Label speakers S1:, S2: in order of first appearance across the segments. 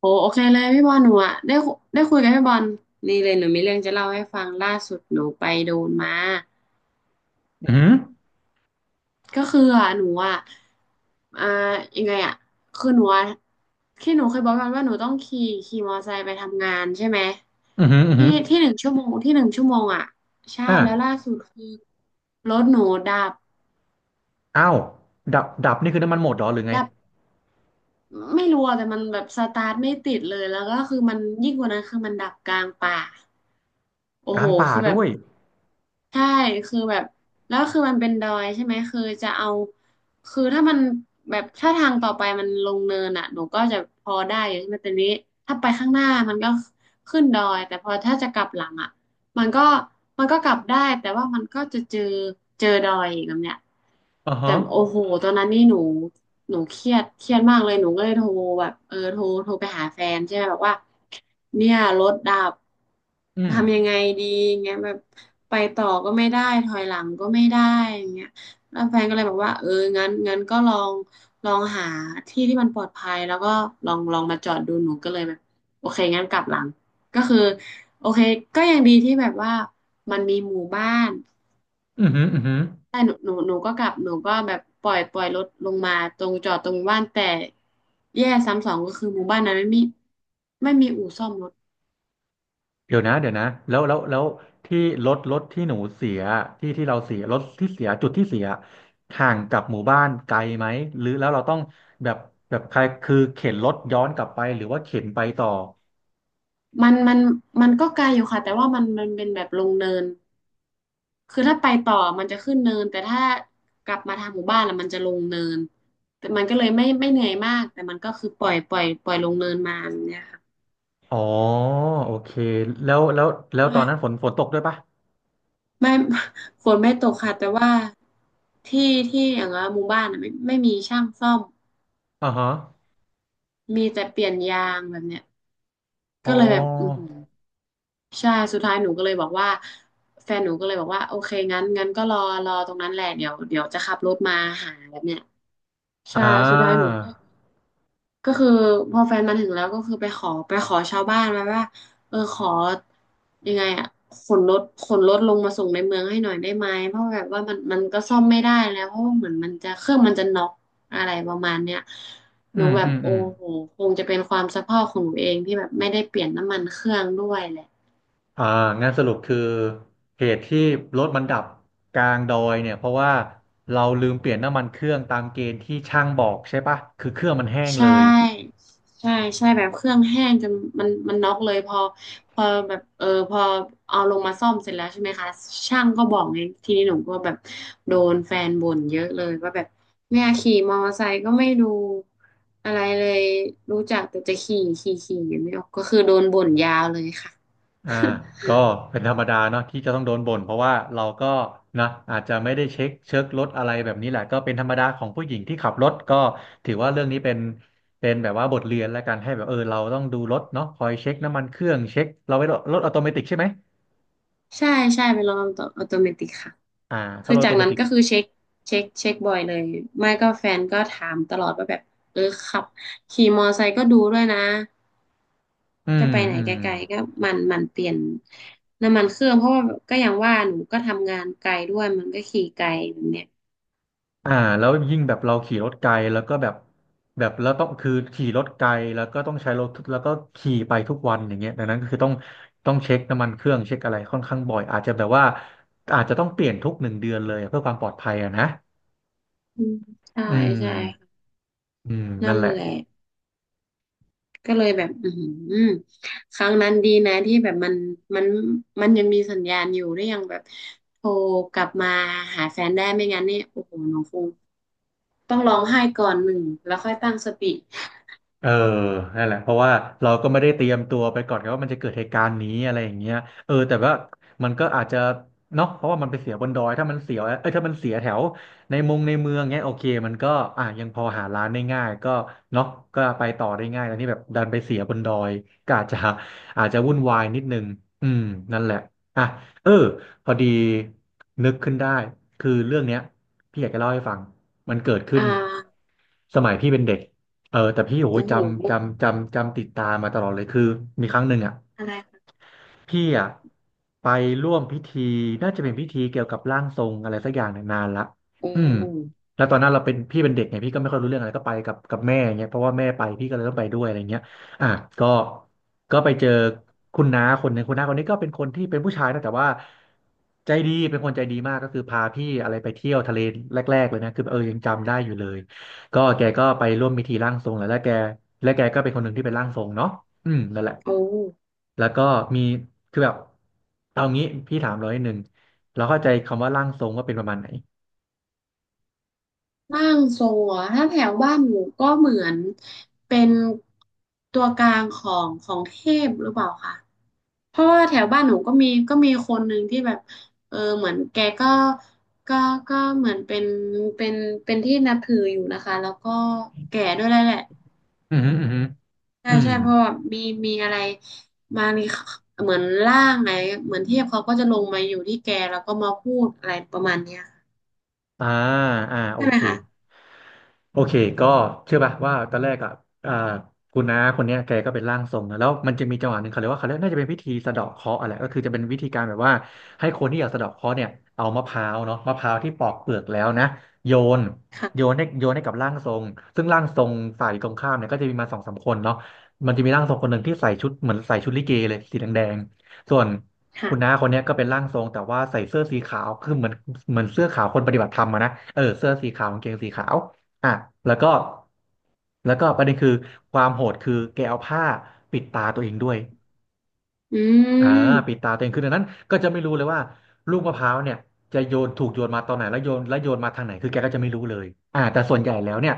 S1: โหโอเคเลยพี่บอลหนูอะได้คุยกับพี่บอลนี่เลยหนูมีเรื่องจะเล่าให้ฟังล่าสุดหนูไปโดนมา
S2: อือหือ
S1: ก็คืออะหนูอะอ่ายังไงอะคือหนูอะที่หนูเคยบอกกันว่าหนูต้องขี่มอเตอร์ไซค์ไปทำงานใช่ไหม
S2: อือหืออือหื
S1: ที่
S2: อ
S1: ที่หนึ่งชั่วโมงที่หนึ่งชั่วโมงอะใช่
S2: อ่า
S1: แล้วล่าสุดคือรถหนูดับ
S2: อ้าวดับดับนี่คือน้ำมันหมดเหรอหรือไง
S1: ดับไม่รู้อะแต่มันแบบสตาร์ทไม่ติดเลยแล้วก็คือมันยิ่งกว่านั้นคือมันดับกลางป่า
S2: ก
S1: โอ้โห
S2: ลางป่า
S1: คือแบ
S2: ด้
S1: บ
S2: วย
S1: ใช่คือแบบแล้วคือมันเป็นดอยใช่ไหมคือจะเอาคือถ้ามันแบบถ้าทางต่อไปมันลงเนินอ่ะหนูก็จะพอได้อยู่ใช่ไหมแต่นี้ถ้าไปข้างหน้ามันก็ขึ้นดอยแต่พอถ้าจะกลับหลังอ่ะ มันก็มันก็กลับได้แต่ว่ามันก็จะเจอเจอดอยอีกแบบเนี้ย
S2: อ่า
S1: แต่
S2: ฮะ
S1: โอ้โหตอนนั้นนี่หนูเครียดมากเลยหนูก็เลยโทรแบบเออโทรไปหาแฟนใช่ไหมแบบว่าเนี่ยรถดับ
S2: อืม
S1: ทำยังไงดีเงี้ยแบบไปต่อก็ไม่ได้ถอยหลังก็ไม่ได้อย่างเงี้ยแล้วแฟนก็เลยบอกว่าเอองั้นก็ลองหาที่ที่มันปลอดภัยแล้วก็ลองมาจอดดูหนูก็เลยแบบโอเคงั้นกลับหลังก็คือ โอเคก็ยังดีที่แบบว่ามันมีหมู่บ้าน
S2: อือหืออือหือ
S1: แต่หนูก็กลับหนูก็แบบปล่อยรถลงมาตรงจอดตรงบ้านแต่แย่ซ้ำสองก็คือหมู่บ้านนั้นไม่มีอู่ซ่อมรถ
S2: เดี๋ยวนะเดี๋ยวนะแล้วที่รถที่หนูเสีย ที่ที่เราเสียรถที่เสีย จุดที่เสียห่างกับหมู่บ้านไกลไหม หรือแล้วเราต้องแบบแบบใครคือเข็นรถย้อนกลับไปหรือว่าเข็นไปต่อ
S1: มันมันก็ไกลอยู่ค่ะแต่ว่ามันเป็นแบบลงเนินคือถ้าไปต่อมันจะขึ้นเนินแต่ถ้ากลับมาทางหมู่บ้านแล้วมันจะลงเนินแต่มันก็เลยไม่เหนื่อยมากแต่มันก็คือปล่อยลงเนินมาแบบเนี่ยค่ะ
S2: อ๋อโอเคแล้วแล้วแล้วตอนนั้นฝนตกด้วยปะ
S1: ไม่ ฝนไม่ตกค่ะแต่ว่าที่ที่อย่างว่าหมู่บ้านอะไม่มีช่างซ่อม
S2: อ่าฮะ
S1: มีแต่เปลี่ยนยางแบบเนี้ย
S2: อ๋
S1: ก็เลยแบบอือ
S2: อ
S1: หือใช่สุดท้ายหนูก็เลยบอกว่าแฟนหนูก็เลยบอกว่าโอเคงั้นก็รอรอตรงนั้นแหละเดี๋ยวจะขับรถมาหาแบบเนี้ยใช่
S2: อ่า
S1: สุดท้ายหนูก็ ก็คือพอแฟนมาถึงแล้วก็คือไปขอชาวบ้านมาว่าเออขอยังไงอ่ะขนรถลงมาส่งในเมืองให้หน่อยได้ไหมเพราะแบบว่ามันก็ซ่อมไม่ได้แล้วเพราะว่าเหมือนมันจะเครื่องมันจะน็อกอะไรประมาณเนี้ยห
S2: อื
S1: นู
S2: ม
S1: แบ
S2: อื
S1: บ
S2: ม
S1: โอ้
S2: อืม
S1: โหคงจะเป็นความสะเพร่าของหนูเองที่แบบไม่ได้เปลี่ยนน้ำมันเครื่องด้วยแหละ
S2: อ่างานสรุปคือเหตุที่รถมันดับกลางดอยเนี่ยเพราะว่าเราลืมเปลี่ยนน้ำมันเครื่องตามเกณฑ์ที่ช่างบอกใช่ปะคือเครื่องมันแห้ง
S1: ใช่
S2: เลย
S1: ใช่ใช่แบบเครื่องแห้งจนมันน็อกเลยพอแบบเออพอเอาลงมาซ่อมเสร็จแล้วใช่ไหมคะช่างก็บอกไงทีนี้หนูก็แบบโดนแฟนบ่นเยอะเลยว่าแบบเนี่ยขี่มอเตอร์ไซค์ก็ไม่ดูอะไรเลยรู้จักแต่จะขี่อย่างนี้ก็คือโดนบ่นยาวเลยค่ะ
S2: อ่า ก็เป็นธรรมดาเนาะที่จะต้องโดนบ่นเพราะว่าเราก็นะอาจจะไม่ได้เช็ครถอะไรแบบนี้แหละก็เป็นธรรมดาของผู้หญิงที่ขับรถก็ถือว่าเรื่องนี้เป็นแบบว่าบทเรียนแล้วกันให้แบบเออเราต้องดูรถเนาะคอยเช็คน้ำมันเครื่องเช็คเราไว้รถออโตเมติกใช่ไหม
S1: ใช่ใช่เป็นระบบอัตโนมัติค่ะ
S2: อ่าถ้า
S1: คื
S2: ร
S1: อ
S2: ถออ
S1: จา
S2: โต
S1: ก
S2: เม
S1: นั้น
S2: ติก
S1: ก็คือเช็คบ่อยเลยไม่ก็แฟนก็ถามตลอดว่าแบบเออขับขี่มอไซค์ก็ดูด้วยนะ
S2: อื
S1: จะ
S2: ม
S1: ไปไหน
S2: อื
S1: ไก
S2: ม
S1: ลๆก็มันเปลี่ยนน้ำมันเครื่องเพราะว่าก็อย่างว่าหนูก็ทำงานไกลด้วยมันก็ขี่ไกลแบบเนี้ย
S2: อ่าแล้วยิ่งแบบเราขี่รถไกลแล้วก็แบบแล้วต้องคือขี่รถไกลแล้วก็ต้องใช้รถทุกแล้วก็ขี่ไปทุกวันอย่างเงี้ยดังนั้นก็คือต้องเช็คน้ำมันเครื่องเช็คอะไรค่อนข้างบ่อยอาจจะแบบว่าอาจจะต้องเปลี่ยนทุกหนึ่งเดือนเลยเพื่อความปลอดภัยอะนะ
S1: อืมใช่
S2: อื
S1: ใช่
S2: ม
S1: ค่ะ
S2: อืม
S1: นั่
S2: นั่น
S1: น
S2: แหละ
S1: แหละ ก็เลยแบบ อือหือครั้งนั้นดีนะที่แบบมัน มันยังมีสัญญาณอยู่ ได้ยังแบบโทรกลับมาหาแฟนได้ไม่งั้นเนี่ยโอ้โหน้องคงต้องร้องไห้ก่อนหนึ่ง แล้วค่อยตั้งสติ
S2: เออนั่นแหละเพราะว่าเราก็ไม่ได้เตรียมตัวไปก่อนไงว่ามันจะเกิดเหตุการณ์นี้อะไรอย่างเงี้ยเออแต่ว่ามันก็อาจจะเนาะเพราะว่ามันไปเสียบนดอยถ้ามันเสียเอ้ยถ้ามันเสียแถวในมงในเมืองเงี้ยโอเคมันก็อ่ะยังพอหาร้านได้ง่ายก็เนาะก็ไปต่อได้ง่ายแต่นี่แบบดันไปเสียบนดอยก็อาจจะอาจจะวุ่นวายนิดนึงอืมนั่นแหละอ่ะเออพอดีนึกขึ้นได้คือเรื่องเนี้ยพี่อยากจะเล่าให้ฟังมันเกิดขึ้
S1: อ่
S2: น
S1: า
S2: สมัยพี่เป็นเด็ก เออแต่พี่โอ้ย
S1: โอ้โห
S2: จำติดตามมาตลอดเลยคือมีครั้งหนึ่งอ่ะ
S1: อะไรคะ
S2: พี่อ่ะไปร่วมพิธีน่าจะเป็นพิธีเกี่ยวกับร่างทรงอะไรสักอย่างเนี่ยนานละ
S1: โอ้
S2: อืมแล้วตอนนั้นเราเป็นพี่เป็นเด็กไงพี่ก็ไม่ค่อยรู้เรื่องอะไรก็ไปกับแม่าเงี้ยเพราะว่าแม่ไปพี่ก็เลยต้องไปด้วยอะไรเงี้ยอ่ะก็ก็ไปเจอคุณน้าคนหนึ่งคุณน้าคนนี้ก็เป็นคนที่เป็นผู้ชายนะแต่ว่าใจดีเป็นคนใจดีมากก็คือพาพี่อะไรไปเที่ยวทะเลแรกๆเลยนะคือเออยังจำได้อยู่เลยก็แกก็ไปร่วมพิธีร่างทรงแล้วและแกก็เป็นคนหนึ่งที่เป็นร่างทรงเนาะอืมนั่นแหละ
S1: โอ้
S2: แล้วก็มีคือแบบเอางี้พี่ถามร้อยหนึ่งเราเข้าใจคำว่าร่างทรงว่าเป็นประมาณไหน
S1: ร่างทรงเะถ้าแถวบ้านหนูก็เหมือนเป็นตัวกลางของเทพหรือเปล่าคะเพราะว่าแถวบ้านหนูก็มีคนหนึ่งที่แบบเออเหมือนแกก็ก็เหมือนเป็นเป็นเป็นที่นับถืออยู่นะคะแล้วก็แก่ด้วยแหละ
S2: อืมอหืมออืมอหือ
S1: ใช่
S2: อืม
S1: ใช่เพราะว่ามีมีอะไรบางทีเหมือนร่างไหนเหมือนเทพเขาก็จะลงมาอยู่ที่แกแล้วก็มาพูดอะไรประมาณเนี้ย
S2: อ่าอ่าโอ
S1: ใช่ไหม
S2: เค
S1: คะ
S2: โอเคก็เชื่อป่ะว่าตอนแรกอ่ะอ่าคุณน้าคนเนี้ยแกก็เป็นร่างทรงนะแล้วมันจะมีจังหวะหนึ่งเขาเรียกว่าเขาเรียกน่าจะเป็นพิธีสะเดาะเคราะห์อะไรก็คือจะเป็นวิธีการแบบว่าให้คนที่อยากสะเดาะเคราะห์เนี่ยเอามะพร้าวเนาะมะพร้าวที่ปอกเปลือกแล้วนะโยนโยน
S1: ค่ะ
S2: ให้โยนให้กับร่างทรงซึ่งร่างทรงฝ่ายตรงข้ามเนี่ยก็จะมีมาสองสามคนเนาะมันจะมีร่างทรงคนหนึ่งที่ใส่ชุดเหมือนใส่ชุดลิเกเลยสีแดงๆส่วน คุณน้า
S1: ค่ะ
S2: คนเนี้ยก็เป็นร่างทรงแต่ว่าใส่เสื้อสีขาว คือเหมือนเสื้อขาวคนปฏิบัติธรรมอะนะเออเสื้อสีขาวกางเกงสีขาวอ่ะแล้วก็แล้วก็ประเด็นคือความโหดคือแกเอาผ้าปิดตาตัวเองด้วย
S1: อื
S2: อ่าปิด
S1: ม
S2: ตาตัวเองคือดังนั้นก็จะไม่รู้เลยว่าลูกมะพร้าวเนี่ยจะโยนถูกโยนมาตอนไหนแล้วโยนแล้วโยนมาทางไหนคือแกก็จะไม่รู้เลยแต่ส่วนใหญ่แล้วเนี่ย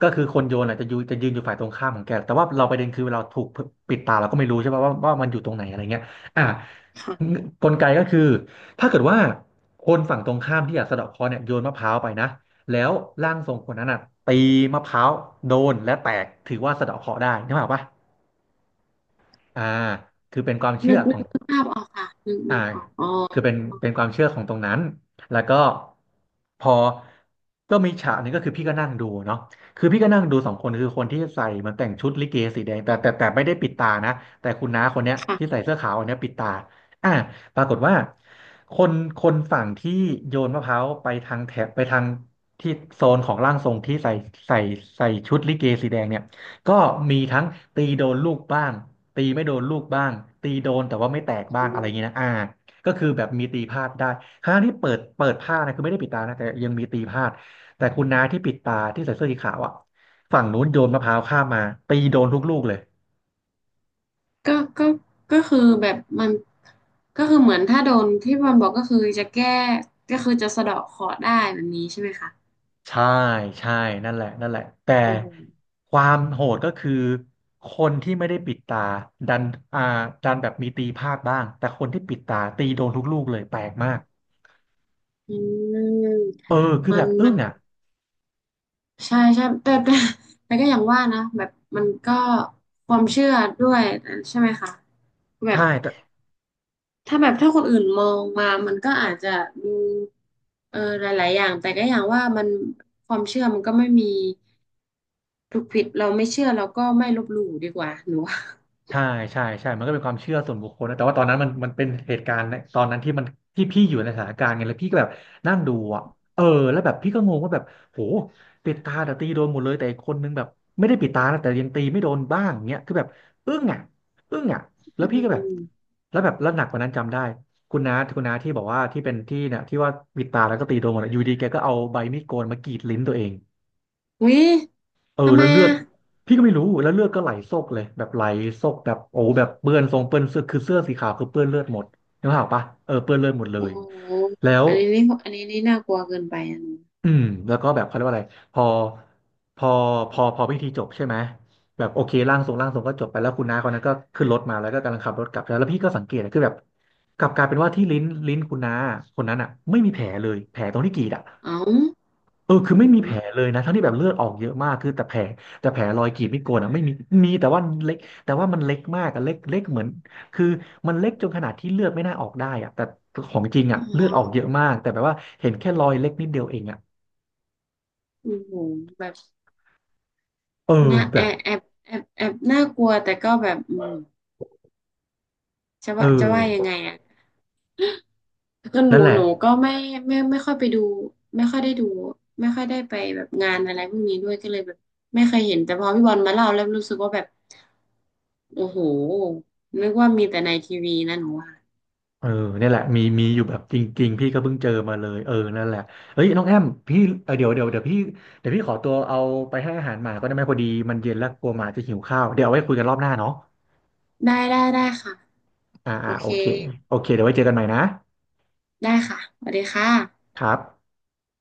S2: ก็คือคนโยนอ่ะจะยืนอยู่ฝ่ายตรงข้ามของแกแต่ว่าเราประเด็นคือเราถูกปิดตาเราก็ไม่รู้ใช่ป่ะว่ามันอยู่ตรงไหนอะไรเงี้ยอ่า
S1: ค่ะ
S2: กลไกก็คือถ้าเกิดว่าฝั่งตรงข้ามที่อยากสะเดาะเคราะห์เนี่ยโยนมะพร้าวไปนะแล้วร่างทรงคนนั้นอ่ะตีมะพร้าวโดนและแตกถือว่าสะเดาะเคราะห์ได้นึกออกปะอ่าคือเป็นความเชื่อข
S1: นึ
S2: อ
S1: ก
S2: ง
S1: ภาพออกค่ะ
S2: อ่า
S1: นึกออกอ๋อ
S2: คือเป็นความเชื่อของตรงนั้นแล้วก็พอก็มีฉากนี้ก็คือพี่ก็นั่งดูเนาะคือพี่ก็นั่งดูสองคนคือคนที่ใส่เหมันแต่งชุดลิเกสีแดงแต่ไม่ได้ปิดตานะแต่คุณน้าคนเนี้ยที่ใส่
S1: ค่ะ
S2: เสื้อขาวอันเนี้ยปิดตาอ่าปรากฏว่าคนคนฝั่งที่โยนมะพร้าวไปทางแถบไปทางที่โซนของร่างทรงที่ใส่ใส่ชุดลิเกสีแดงเนี่ยก็มีทั้งตีโดนลูกบ้าง ตีไม่โดนลูกบ้างตีโดนแต่ว่าไม่แตกบ้า
S1: อื
S2: งอะไรอ
S1: ม
S2: ย่างเงี้ยนะก็คือแบบมีตีพลาดได้ครั้งที่เปิดผ้านะคือไม่ได้ปิดตานะแต่ยังมีตีพลาดแต่คุณน้าที่ปิดตาที่ใส่เสื้อสีขาวอะฝั่งนู้นโยนมะพร้าวข้ามมาตีโดนทุกลูกเลย
S1: ก็ก็ก็คือแบบมันก็คือเหมือนถ้าโดนที่มันบอกก็คือจะแก้ก็คือจะสะเดาะเคราะห์ได้แบบนี้ใช่ไหมคะ
S2: ใช่ใช่นั่นแหละนั่นแหละแต่
S1: อืม
S2: ความโหดก็คือคนที่ไม่ได้ปิดตาดันอ่าดันแบบมีตีพลาดบ้างแต่คนที่ปิดตาตีโดนทุกลูกเลยแปลกมาก
S1: อืม
S2: เออคือ
S1: มั
S2: แบ
S1: น
S2: บอึ้
S1: มั
S2: ง
S1: น
S2: อ่ะ
S1: ใช่ใช่แต่ก็อย่างว่านะแบบมันก็ความเชื่อด้วยใช่ไหมคะแบบ
S2: ใช่แต่
S1: ถ้าแบบถ้าคนอื่นมองมามันก็อาจจะดูเออหลายๆอย่างแต่ก็อย่างว่ามันความเชื่อมันก็ไม่มีถูกผิดเราไม่เชื่อเราก็ไม่ลบหลู่ดีกว่าหนูว่า
S2: ใช่ใช่ใช่ มันเป็นความเชื่อส่วนบุคคลนะแต่ว่าตอนนั้นมันเป็นเหตุการณ์ในตอนนั้นที่มันที่พี่อยู่ในสถานการณ์ไงแล้วพี่ก็แบบนั่งดูอ่ะเออแล้วแบบพี่ก็งงว่าแบบโหปิดตาแต่ตีโดนหมดเลยแต่อีกคนนึงแบบไม่ได้ปิดตานะแต่ยังตีไม่โดนบ้างเงี้ยคือแบบอึ้งอ่ะอึ้งอ่ะแล้
S1: อื
S2: วพี่ก็แบบ
S1: ม
S2: แล้วแบบแล้วหนักกว่านั้นจำได้คุณน้าที่บอกว่าที่เป็นที่เนี่ยที่ว่าปิดตาแล้วก็ตีโดนหมดอะอยู่ดีแกก็เอาใบมีดโกนมากรีดลิ้นตัวเอง
S1: วิ
S2: เออ
S1: ทำไม
S2: แล้วเลือ
S1: อ่ะ
S2: ดพี่ก็ไม่รู้แล้วเลือดก็ไหลโซกเลยแบบไหลโซกแบบโอ้แบบเปื้อนทรงเปื้อนเสื้อคือเสื้อสีขาวคือเปื้อนเลือดหมดนึกภาพออกปะเออเปื้อนเลือดหมดเล
S1: โอ้
S2: ย
S1: โห
S2: แล้ว
S1: อันนี้นี่น่ากลัวเกินไปอ่ะหนู
S2: อืมแล้วก็แบบเขาเรียกว่าอะไรพอพอพอพิธีจบใช่ไหมแบบโอเคร่างทรงก็จบไปแล้วคุณน้าคนนั้นก็ขึ้นรถมาแล้วก็กำลังขับรถกลับแล้วแล้วพี่ก็สังเกตนะคือแบบกลับกลายเป็นว่าที่ลิ้นคุณน้าคนนั้นอ่ะไม่มีแผลเลยแผลตรงที่กรีดอ่ะ
S1: เอ้า
S2: เออคือไม่มีแผลเลยนะทั้งที่แบบเลือดออกเยอะมากคือแต่แผลรอยกรีดไม่โกนอ่ะไม่มีมีแต่ว่าเล็กแต่ว่ามันเล็กมากอะเล็กเล็กเหมือนคือมันเล็กจนขนาดที่เลือดไม่น่าออกได้อ่ะแต่ของจริงอ่ะ
S1: อ๋
S2: เลือดออก
S1: อ
S2: เยอะมากแต่แบบว่าเห็นแค่รอยเล็กนิดเดียวเองอ่ะ
S1: โอ้โหแบบ
S2: เออ
S1: น่า
S2: แบ
S1: แอ
S2: บ
S1: บแอบแอบน่ากลัวแต่ก็แบบอืม
S2: เอ
S1: จะว่ายังไง
S2: อ
S1: อ่ะ ก็
S2: นั่นแหละ
S1: หนูก็ไม่ค่อยไปดูไม่ค่อยได้ดูไม่ค่อยได้ไปแบบงานอะไรพวกนี้ด้วยก็เลยแบบไม่เคยเห็นแต่พอพี่บอลมาเล่าแล้วรู้สึกว่าแบบโอ้โหนึกว่ามีแต่ในทีวีนะหนูว่า
S2: เออเนี่ยแหละมีมีอยู่แบบจริงๆพี่ก็เพิ่งเจอมาเลยเออนั่นแหละเฮ้ยน้องแอมพี่เออเดี๋ยวพี่เดี๋ยวพี่ขอตัวเอาไปให้อาหารหมาก็ได้ไหมพอดีมันเย็นแล้วกลัวหมาจะหิวข้าวเดี๋ยวเอาไว้คุยกันรอบหน้าเนาะ
S1: ได้ค่ะ
S2: อ่า
S1: โอ
S2: อ่าโอ
S1: เค
S2: เคโอเคเดี๋ยวไว้เจอกันใหม่นะ
S1: ได้ค่ะสวัสดีค่ะ
S2: ครับ